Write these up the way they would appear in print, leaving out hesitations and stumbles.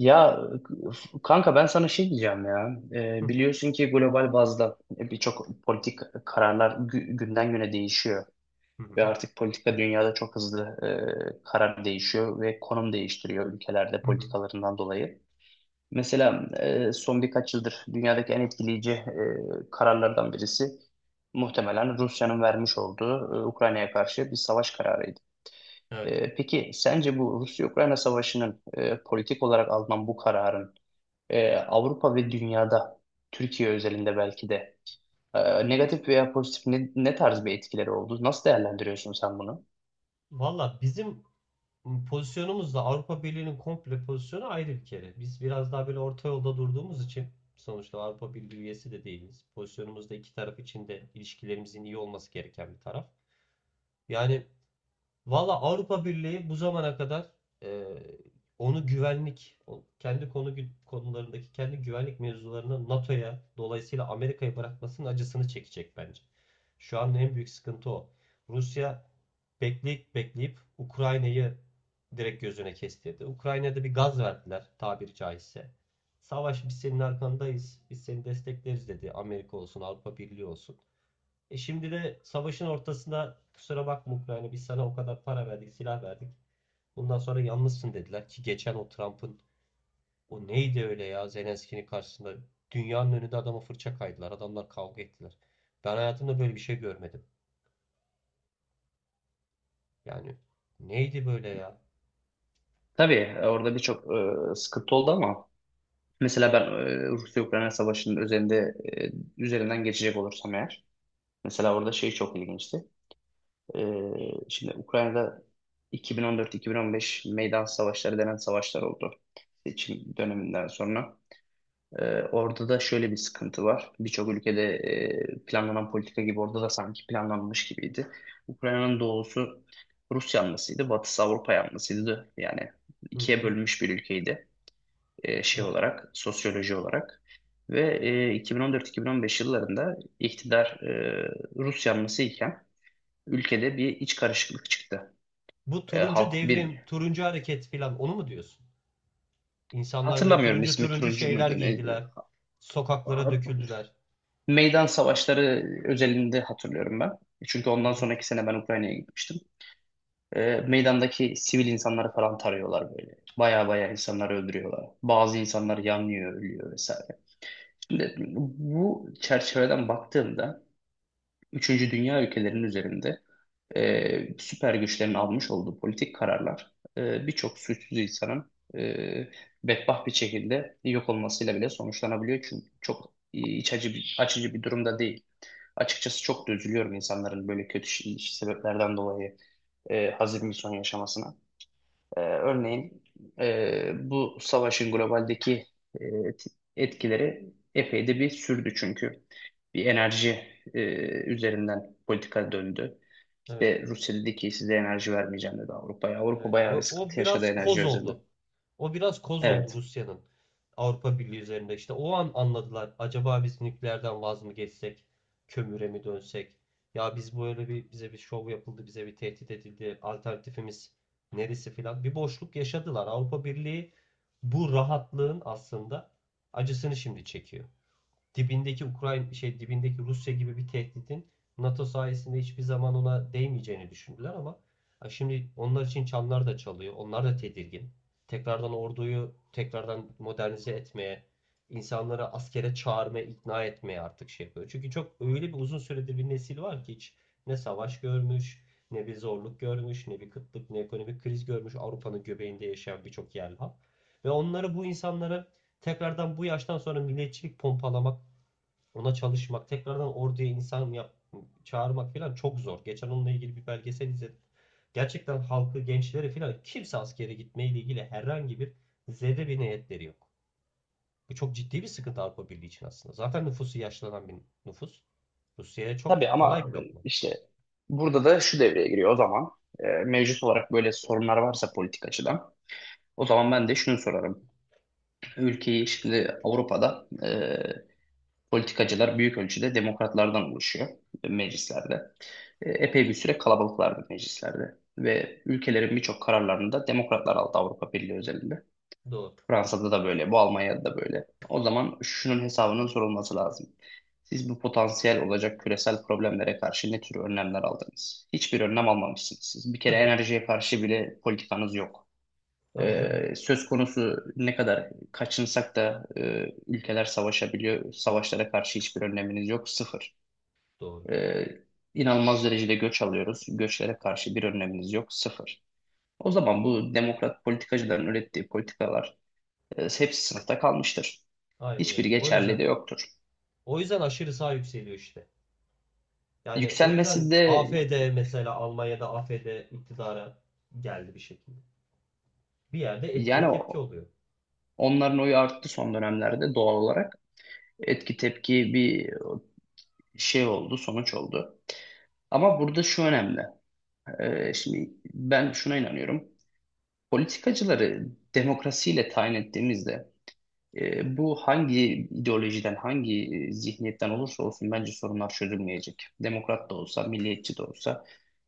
Ya kanka ben sana şey diyeceğim ya. Ee, Hı biliyorsun ki global bazda birçok politik kararlar günden güne değişiyor. hı hı Ve artık politika dünyada çok hızlı karar değişiyor ve konum değiştiriyor ülkelerde hı. Hı. politikalarından dolayı. Mesela son birkaç yıldır dünyadaki en etkileyici kararlardan birisi muhtemelen Rusya'nın vermiş olduğu Ukrayna'ya karşı bir savaş kararıydı. Evet. Peki sence bu Rusya-Ukrayna savaşının politik olarak alınan bu kararın Avrupa ve dünyada, Türkiye özelinde belki de negatif veya pozitif ne tarz bir etkileri oldu? Nasıl değerlendiriyorsun sen bunu? Valla bizim pozisyonumuzla Avrupa Birliği'nin komple pozisyonu ayrı bir kere. Biz biraz daha böyle orta yolda durduğumuz için sonuçta Avrupa Birliği üyesi de değiliz. Pozisyonumuz da iki taraf için de ilişkilerimizin iyi olması gereken bir taraf. Yani Valla Avrupa Birliği bu zamana kadar e, onu güvenlik, kendi konularındaki kendi güvenlik mevzularını NATO'ya dolayısıyla Amerika'ya bırakmasının acısını çekecek bence. Şu an en büyük sıkıntı o. Rusya bekleyip bekleyip Ukrayna'yı direkt gözüne kestirdi. Ukrayna'da bir gaz verdiler tabiri caizse. Savaş biz senin arkandayız, biz seni destekleriz dedi. Amerika olsun, Avrupa Birliği olsun. Şimdi de savaşın ortasında kusura bakma Ukrayna biz sana o kadar para verdik, silah verdik. Bundan sonra yalnızsın dediler ki geçen o Trump'ın o neydi öyle ya Zelenski'nin karşısında dünyanın önünde adama fırça kaydılar. Adamlar kavga ettiler. Ben hayatımda böyle bir şey görmedim. Yani neydi böyle ya? Tabii orada birçok sıkıntı oldu ama mesela ben Rusya-Ukrayna Savaşı'nın üzerinden geçecek olursam eğer mesela orada şey çok ilginçti. E, şimdi Ukrayna'da 2014-2015 meydan savaşları denen savaşlar oldu seçim döneminden sonra. Orada da şöyle bir sıkıntı var. Birçok ülkede planlanan politika gibi orada da sanki planlanmış gibiydi. Ukrayna'nın doğusu Rus yanlısıydı, batısı Avrupa yanlısıydı. Yani Hı ikiye hı. bölünmüş bir ülkeydi şey No. olarak, sosyoloji olarak. Ve 2014-2015 yıllarında iktidar Rus yanlısı iken ülkede bir iç karışıklık çıktı. Bu E, turuncu halk devrim, bir, turuncu hareket falan onu mu diyorsun? İnsanlar böyle hatırlamıyorum turuncu ismi turuncu turuncu şeyler muydu neydi? giydiler. Sokaklara döküldüler. Meydan savaşları özelinde hatırlıyorum ben. Çünkü Hı ondan hı. sonraki sene ben Ukrayna'ya gitmiştim. Meydandaki sivil insanları falan tarıyorlar böyle. Baya baya insanları öldürüyorlar. Bazı insanlar yanıyor, ölüyor vesaire. Şimdi bu çerçeveden baktığımda Üçüncü Dünya ülkelerinin üzerinde süper güçlerin almış olduğu politik kararlar birçok suçsuz insanın bedbaht bir şekilde yok olmasıyla bile sonuçlanabiliyor. Çünkü çok iç açıcı bir durumda değil. Açıkçası çok da üzülüyorum insanların böyle kötü sebeplerden dolayı hazin bir son yaşamasına. E, Evet. örneğin bu savaşın globaldeki e, etkileri epey de bir sürdü çünkü. Bir enerji e, üzerinden politika döndü. Evet. İşte Rusya dedi ki size enerji vermeyeceğim dedi Avrupa'ya. Avrupa Evet, bayağı bir o sıkıntı yaşadı biraz enerji koz özelinde. oldu. O biraz koz oldu Evet. Rusya'nın Avrupa Birliği üzerinde. İşte o an anladılar. Acaba biz nükleerden vaz mı geçsek, kömüre mi dönsek? Ya biz böyle bir bize bir şov yapıldı, bize bir tehdit edildi. Alternatifimiz neresi filan. Bir boşluk yaşadılar. Avrupa Birliği bu rahatlığın aslında acısını şimdi çekiyor dibindeki Ukrayna şey dibindeki Rusya gibi bir tehditin NATO sayesinde hiçbir zaman ona değmeyeceğini düşündüler ama şimdi onlar için çanlar da çalıyor. Onlar da tedirgin. Tekrardan orduyu tekrardan modernize etmeye, insanları askere çağırmaya, ikna etmeye artık şey yapıyor. Çünkü çok öyle bir uzun süredir bir nesil var ki hiç ne savaş görmüş, ne bir zorluk görmüş, ne bir kıtlık, ne ekonomik kriz görmüş. Avrupa'nın göbeğinde yaşayan birçok yerli halk. Ve onları bu insanları tekrardan bu yaştan sonra milliyetçilik pompalamak ona çalışmak, tekrardan orduya insan yap, çağırmak falan çok zor. Geçen onunla ilgili bir belgesel izledim. Gerçekten halkı, gençleri falan kimse askere gitmeyle ilgili herhangi bir zerre bir niyetleri yok. Bu çok ciddi bir sıkıntı Avrupa Birliği için aslında. Zaten nüfusu yaşlanan bir nüfus. Rusya'ya Tabii çok kolay ama bir lokma. işte burada da şu devreye giriyor o zaman. Mevcut olarak böyle sorunlar varsa politik açıdan. O zaman ben de şunu sorarım. Ülkeyi şimdi Avrupa'da politikacılar büyük ölçüde demokratlardan oluşuyor meclislerde. Epey bir süre kalabalıklardı meclislerde. Ve ülkelerin birçok kararlarını da demokratlar aldı Avrupa Birliği özelinde. Doğru. Fransa'da da böyle, bu Almanya'da da böyle. O zaman şunun hesabının sorulması lazım. Siz bu potansiyel olacak küresel problemlere karşı ne tür önlemler aldınız? Hiçbir önlem almamışsınız. Siz bir kere Sıfır. enerjiye karşı bile politikanız yok. Tabii canım. Söz konusu ne kadar kaçınsak da ülkeler savaşabiliyor. Savaşlara karşı hiçbir önleminiz yok. Sıfır. Doğru. Ee, inanılmaz derecede göç alıyoruz. Göçlere karşı bir önleminiz yok. Sıfır. O zaman bu demokrat politikacıların ürettiği politikalar hepsi sınıfta kalmıştır. Aynen Hiçbiri öyle. O geçerli yüzden de yoktur. o yüzden aşırı sağ yükseliyor işte. Yani o Yükselmesi yüzden de AfD mesela Almanya'da AfD iktidara geldi bir şekilde. Bir yerde etkiye yani tepki oluyor. onların oyu arttı son dönemlerde doğal olarak. Etki tepki bir şey oldu, sonuç oldu. Ama burada şu önemli. Şimdi ben şuna inanıyorum. Politikacıları demokrasiyle tayin ettiğimizde bu hangi ideolojiden, hangi zihniyetten olursa olsun bence sorunlar çözülmeyecek. Demokrat da olsa, milliyetçi de olsa,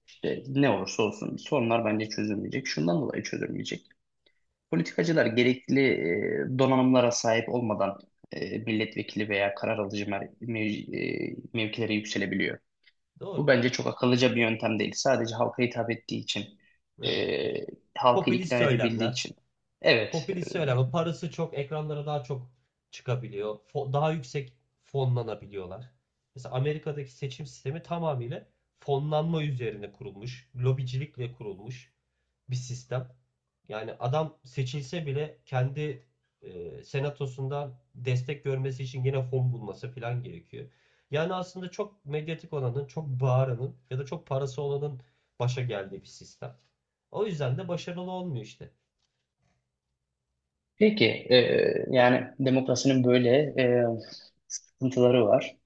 işte ne olursa olsun sorunlar bence çözülmeyecek. Şundan dolayı çözülmeyecek. Politikacılar gerekli donanımlara sahip olmadan milletvekili veya karar alıcı mevkilere yükselebiliyor. Bu Doğru. bence çok akıllıca bir yöntem değil. Sadece halka hitap ettiği için, e, Evet. halkı Popülist ikna edebildiği söylemler, için. Evet. Popülist söyleme. Parası çok, ekranlara daha çok çıkabiliyor. Daha yüksek fonlanabiliyorlar. Mesela Amerika'daki seçim sistemi tamamıyla fonlanma üzerine kurulmuş, lobicilikle kurulmuş bir sistem. Yani adam seçilse bile kendi senatosundan destek görmesi için yine fon bulması falan gerekiyor. Yani aslında çok medyatik olanın, çok bağıranın ya da çok parası olanın başa geldiği bir sistem. O yüzden de başarılı olmuyor işte. Peki, yani demokrasinin böyle e, sıkıntıları var.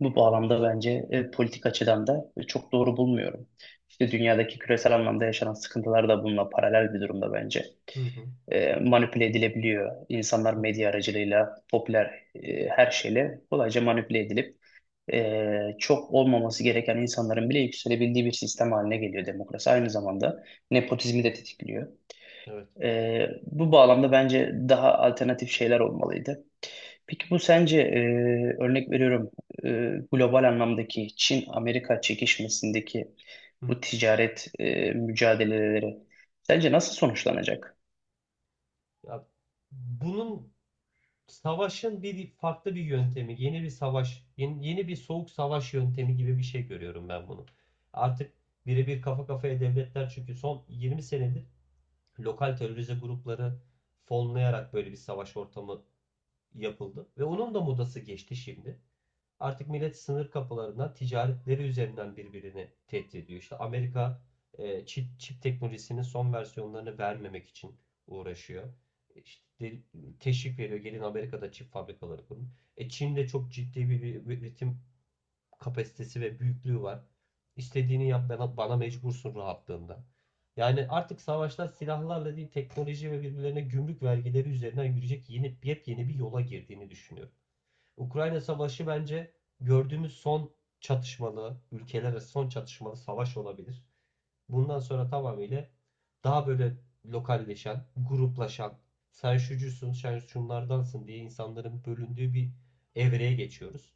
Bu bağlamda bence politik açıdan da çok doğru bulmuyorum. İşte dünyadaki küresel anlamda yaşanan sıkıntılar da bununla paralel bir durumda bence. Hı hı. Manipüle edilebiliyor. İnsanlar Aynen. medya aracılığıyla, popüler her şeyle kolayca manipüle edilip çok olmaması gereken insanların bile yükselebildiği bir sistem haline geliyor demokrasi. Aynı zamanda nepotizmi de tetikliyor. Evet. Bu bağlamda bence daha alternatif şeyler olmalıydı. Peki bu sence örnek veriyorum e, global anlamdaki Çin-Amerika çekişmesindeki Hı. bu ticaret mücadeleleri sence nasıl sonuçlanacak? Ya bunun savaşın bir farklı bir yöntemi, yeni bir savaş, yeni bir soğuk savaş yöntemi gibi bir şey görüyorum ben bunu. Artık birebir kafa kafaya devletler çünkü son 20 senedir lokal terörize grupları fonlayarak böyle bir savaş ortamı yapıldı ve onun da modası geçti şimdi. Artık millet sınır kapılarından ticaretleri üzerinden birbirini tehdit ediyor. İşte Amerika çip teknolojisinin son versiyonlarını vermemek için uğraşıyor. İşte teşvik veriyor. Gelin Amerika'da çip fabrikaları kurun. Çin'de çok ciddi bir üretim kapasitesi ve büyüklüğü var. İstediğini yap bana, bana mecbursun rahatlığında. Yani artık savaşlar silahlarla değil teknoloji ve birbirlerine gümrük vergileri üzerinden yürüyecek yeni yepyeni bir yola girdiğini düşünüyorum. Ukrayna Savaşı bence gördüğümüz son çatışmalı, ülkeler arası son çatışmalı savaş olabilir. Bundan sonra tamamıyla daha böyle lokalleşen, gruplaşan, sen şucusun, sen şunlardansın diye insanların bölündüğü bir evreye geçiyoruz.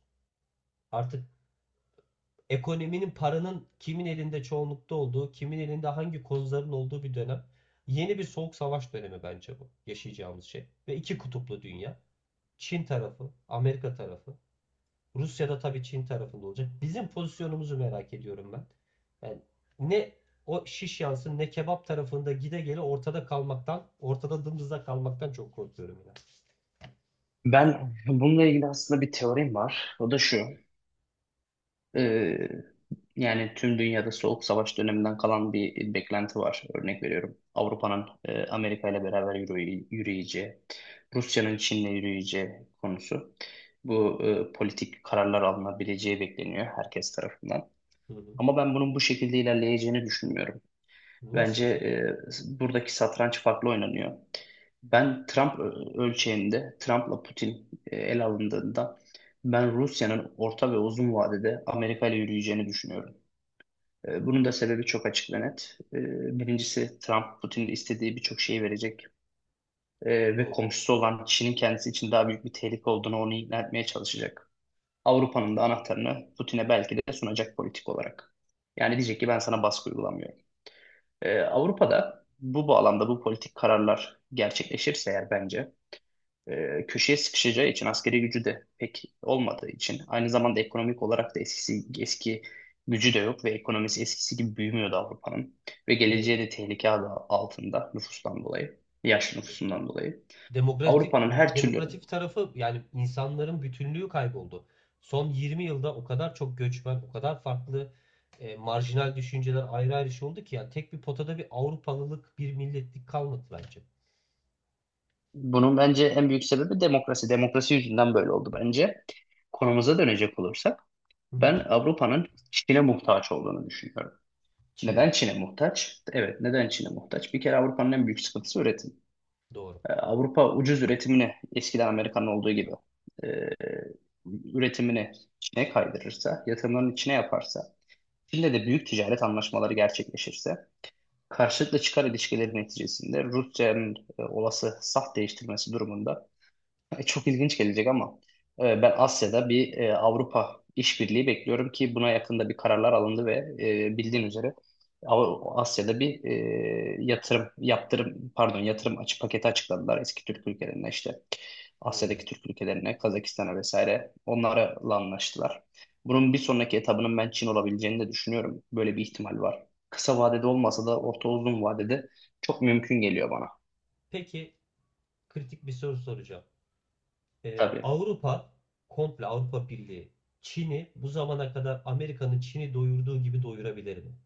Artık ekonominin, paranın kimin elinde çoğunlukta olduğu, kimin elinde hangi kozların olduğu bir dönem. Yeni bir soğuk savaş dönemi bence bu yaşayacağımız şey. Ve iki kutuplu dünya. Çin tarafı, Amerika tarafı Rusya'da tabii Çin tarafında olacak. Bizim pozisyonumuzu merak ediyorum ben. Yani ne o şiş yansın ne kebap tarafında gide gele ortada kalmaktan, ortada dımdızda kalmaktan çok korkuyorum ya. Ben bununla ilgili aslında bir teorim var. O da şu. Ee, yani tüm dünyada Soğuk Savaş döneminden kalan bir beklenti var. Örnek veriyorum. Avrupa'nın Amerika ile beraber yürüyeceği, Rusya'nın Çin'le yürüyeceği konusu. Bu politik kararlar alınabileceği bekleniyor herkes tarafından. Hı hı. Ama ben bunun bu şekilde ilerleyeceğini düşünmüyorum. Nasıl bir Bence şey? Buradaki satranç farklı oynanıyor. Ben Trump ölçeğinde, Trump'la Putin el alındığında ben Rusya'nın orta ve uzun vadede Amerika ile yürüyeceğini düşünüyorum. Bunun da sebebi çok açık ve net. Birincisi Trump, Putin'in istediği birçok şeyi verecek ve Doğru, komşusu olan Çin'in kendisi için daha büyük bir tehlike olduğunu onu ikna etmeye çalışacak. Avrupa'nın da anahtarını Putin'e belki de sunacak politik olarak. Yani diyecek ki ben sana baskı uygulamıyorum. Avrupa'da bu bağlamda bu politik kararlar gerçekleşirse eğer bence köşeye sıkışacağı için askeri gücü de pek olmadığı için aynı zamanda ekonomik olarak da eski gücü de yok ve ekonomisi eskisi gibi büyümüyordu Avrupa'nın ve doğru, geleceği de tehlike adı altında nüfustan dolayı, yaşlı doğru. nüfusundan dolayı. demokratik Avrupa'nın her türlü demokratik tarafı yani insanların bütünlüğü kayboldu. Son 20 yılda o kadar çok göçmen, o kadar farklı marjinal düşünceler ayrı ayrı şey oldu ki yani tek bir potada bir Avrupalılık, bir milletlik kalmadı bence. Bunun bence en büyük sebebi demokrasi. Demokrasi yüzünden böyle oldu bence. Konumuza dönecek olursak Hı hı. ben Avrupa'nın Çin'e muhtaç olduğunu düşünüyorum. Neden Çin'e. Çin'e muhtaç? Evet, neden Çin'e muhtaç? Bir kere Avrupa'nın en büyük sıkıntısı üretim. Doğru. Avrupa ucuz üretimini eskiden Amerika'nın olduğu gibi e, üretimini Çin'e kaydırırsa, yatırımlarını Çin'e yaparsa, Çin'le de büyük ticaret anlaşmaları gerçekleşirse, karşılıklı çıkar ilişkileri neticesinde Rusya'nın olası saf değiştirmesi durumunda çok ilginç gelecek ama ben Asya'da bir Avrupa işbirliği bekliyorum ki buna yakında bir kararlar alındı ve bildiğin üzere Asya'da bir yatırım yaptırım pardon yatırım açı paketi açıkladılar eski Türk ülkelerine işte Hmm. Asya'daki Türk ülkelerine Kazakistan'a vesaire onlarla anlaştılar. Bunun bir sonraki etabının ben Çin olabileceğini de düşünüyorum. Böyle bir ihtimal var. Kısa vadede olmasa da orta uzun vadede çok mümkün geliyor bana. Peki kritik bir soru soracağım. Tabii. Avrupa, komple Avrupa Birliği, Çin'i bu zamana kadar Amerika'nın Çin'i doyurduğu gibi doyurabilir mi?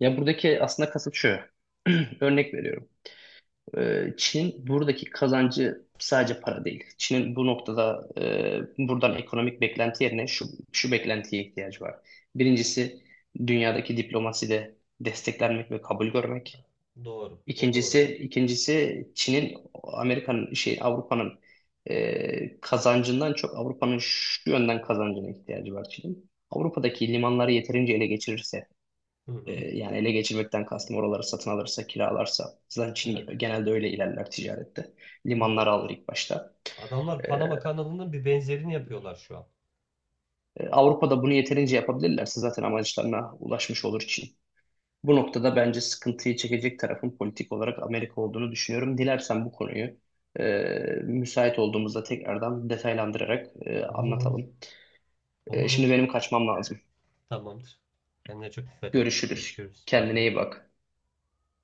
Ya buradaki aslında kasıt şu. Örnek veriyorum. Çin buradaki kazancı sadece para değil. Çin'in bu noktada buradan ekonomik beklenti yerine şu beklentiye ihtiyacı var. Birincisi dünyadaki diplomaside desteklenmek ve kabul görmek. Doğru. O doğru. İkincisi Çin'in Amerika'nın şey Avrupa'nın kazancından çok Avrupa'nın şu yönden kazancına ihtiyacı var Çin'in. Avrupa'daki limanları yeterince ele geçirirse Hı hı. yani ele geçirmekten kastım oraları satın alırsa, kiralarsa. Zaten Evet. Çin genelde öyle ilerler ticarette. Limanları Doğru. alır ilk başta. Adamlar Ee, Panama kanalının bir benzerini yapıyorlar şu an. Avrupa'da bunu yeterince yapabilirlerse zaten amaçlarına ulaşmış olur Çin. Bu noktada bence sıkıntıyı çekecek tarafın politik olarak Amerika olduğunu düşünüyorum. Dilersen bu konuyu e, müsait olduğumuzda tekrardan detaylandırarak Olur olur. anlatalım. E, Olur şimdi olur. benim kaçmam lazım. Tamamdır. Kendine çok dikkat et. Görüşürüz. Görüşürüz. Bay Kendine bay. iyi bak.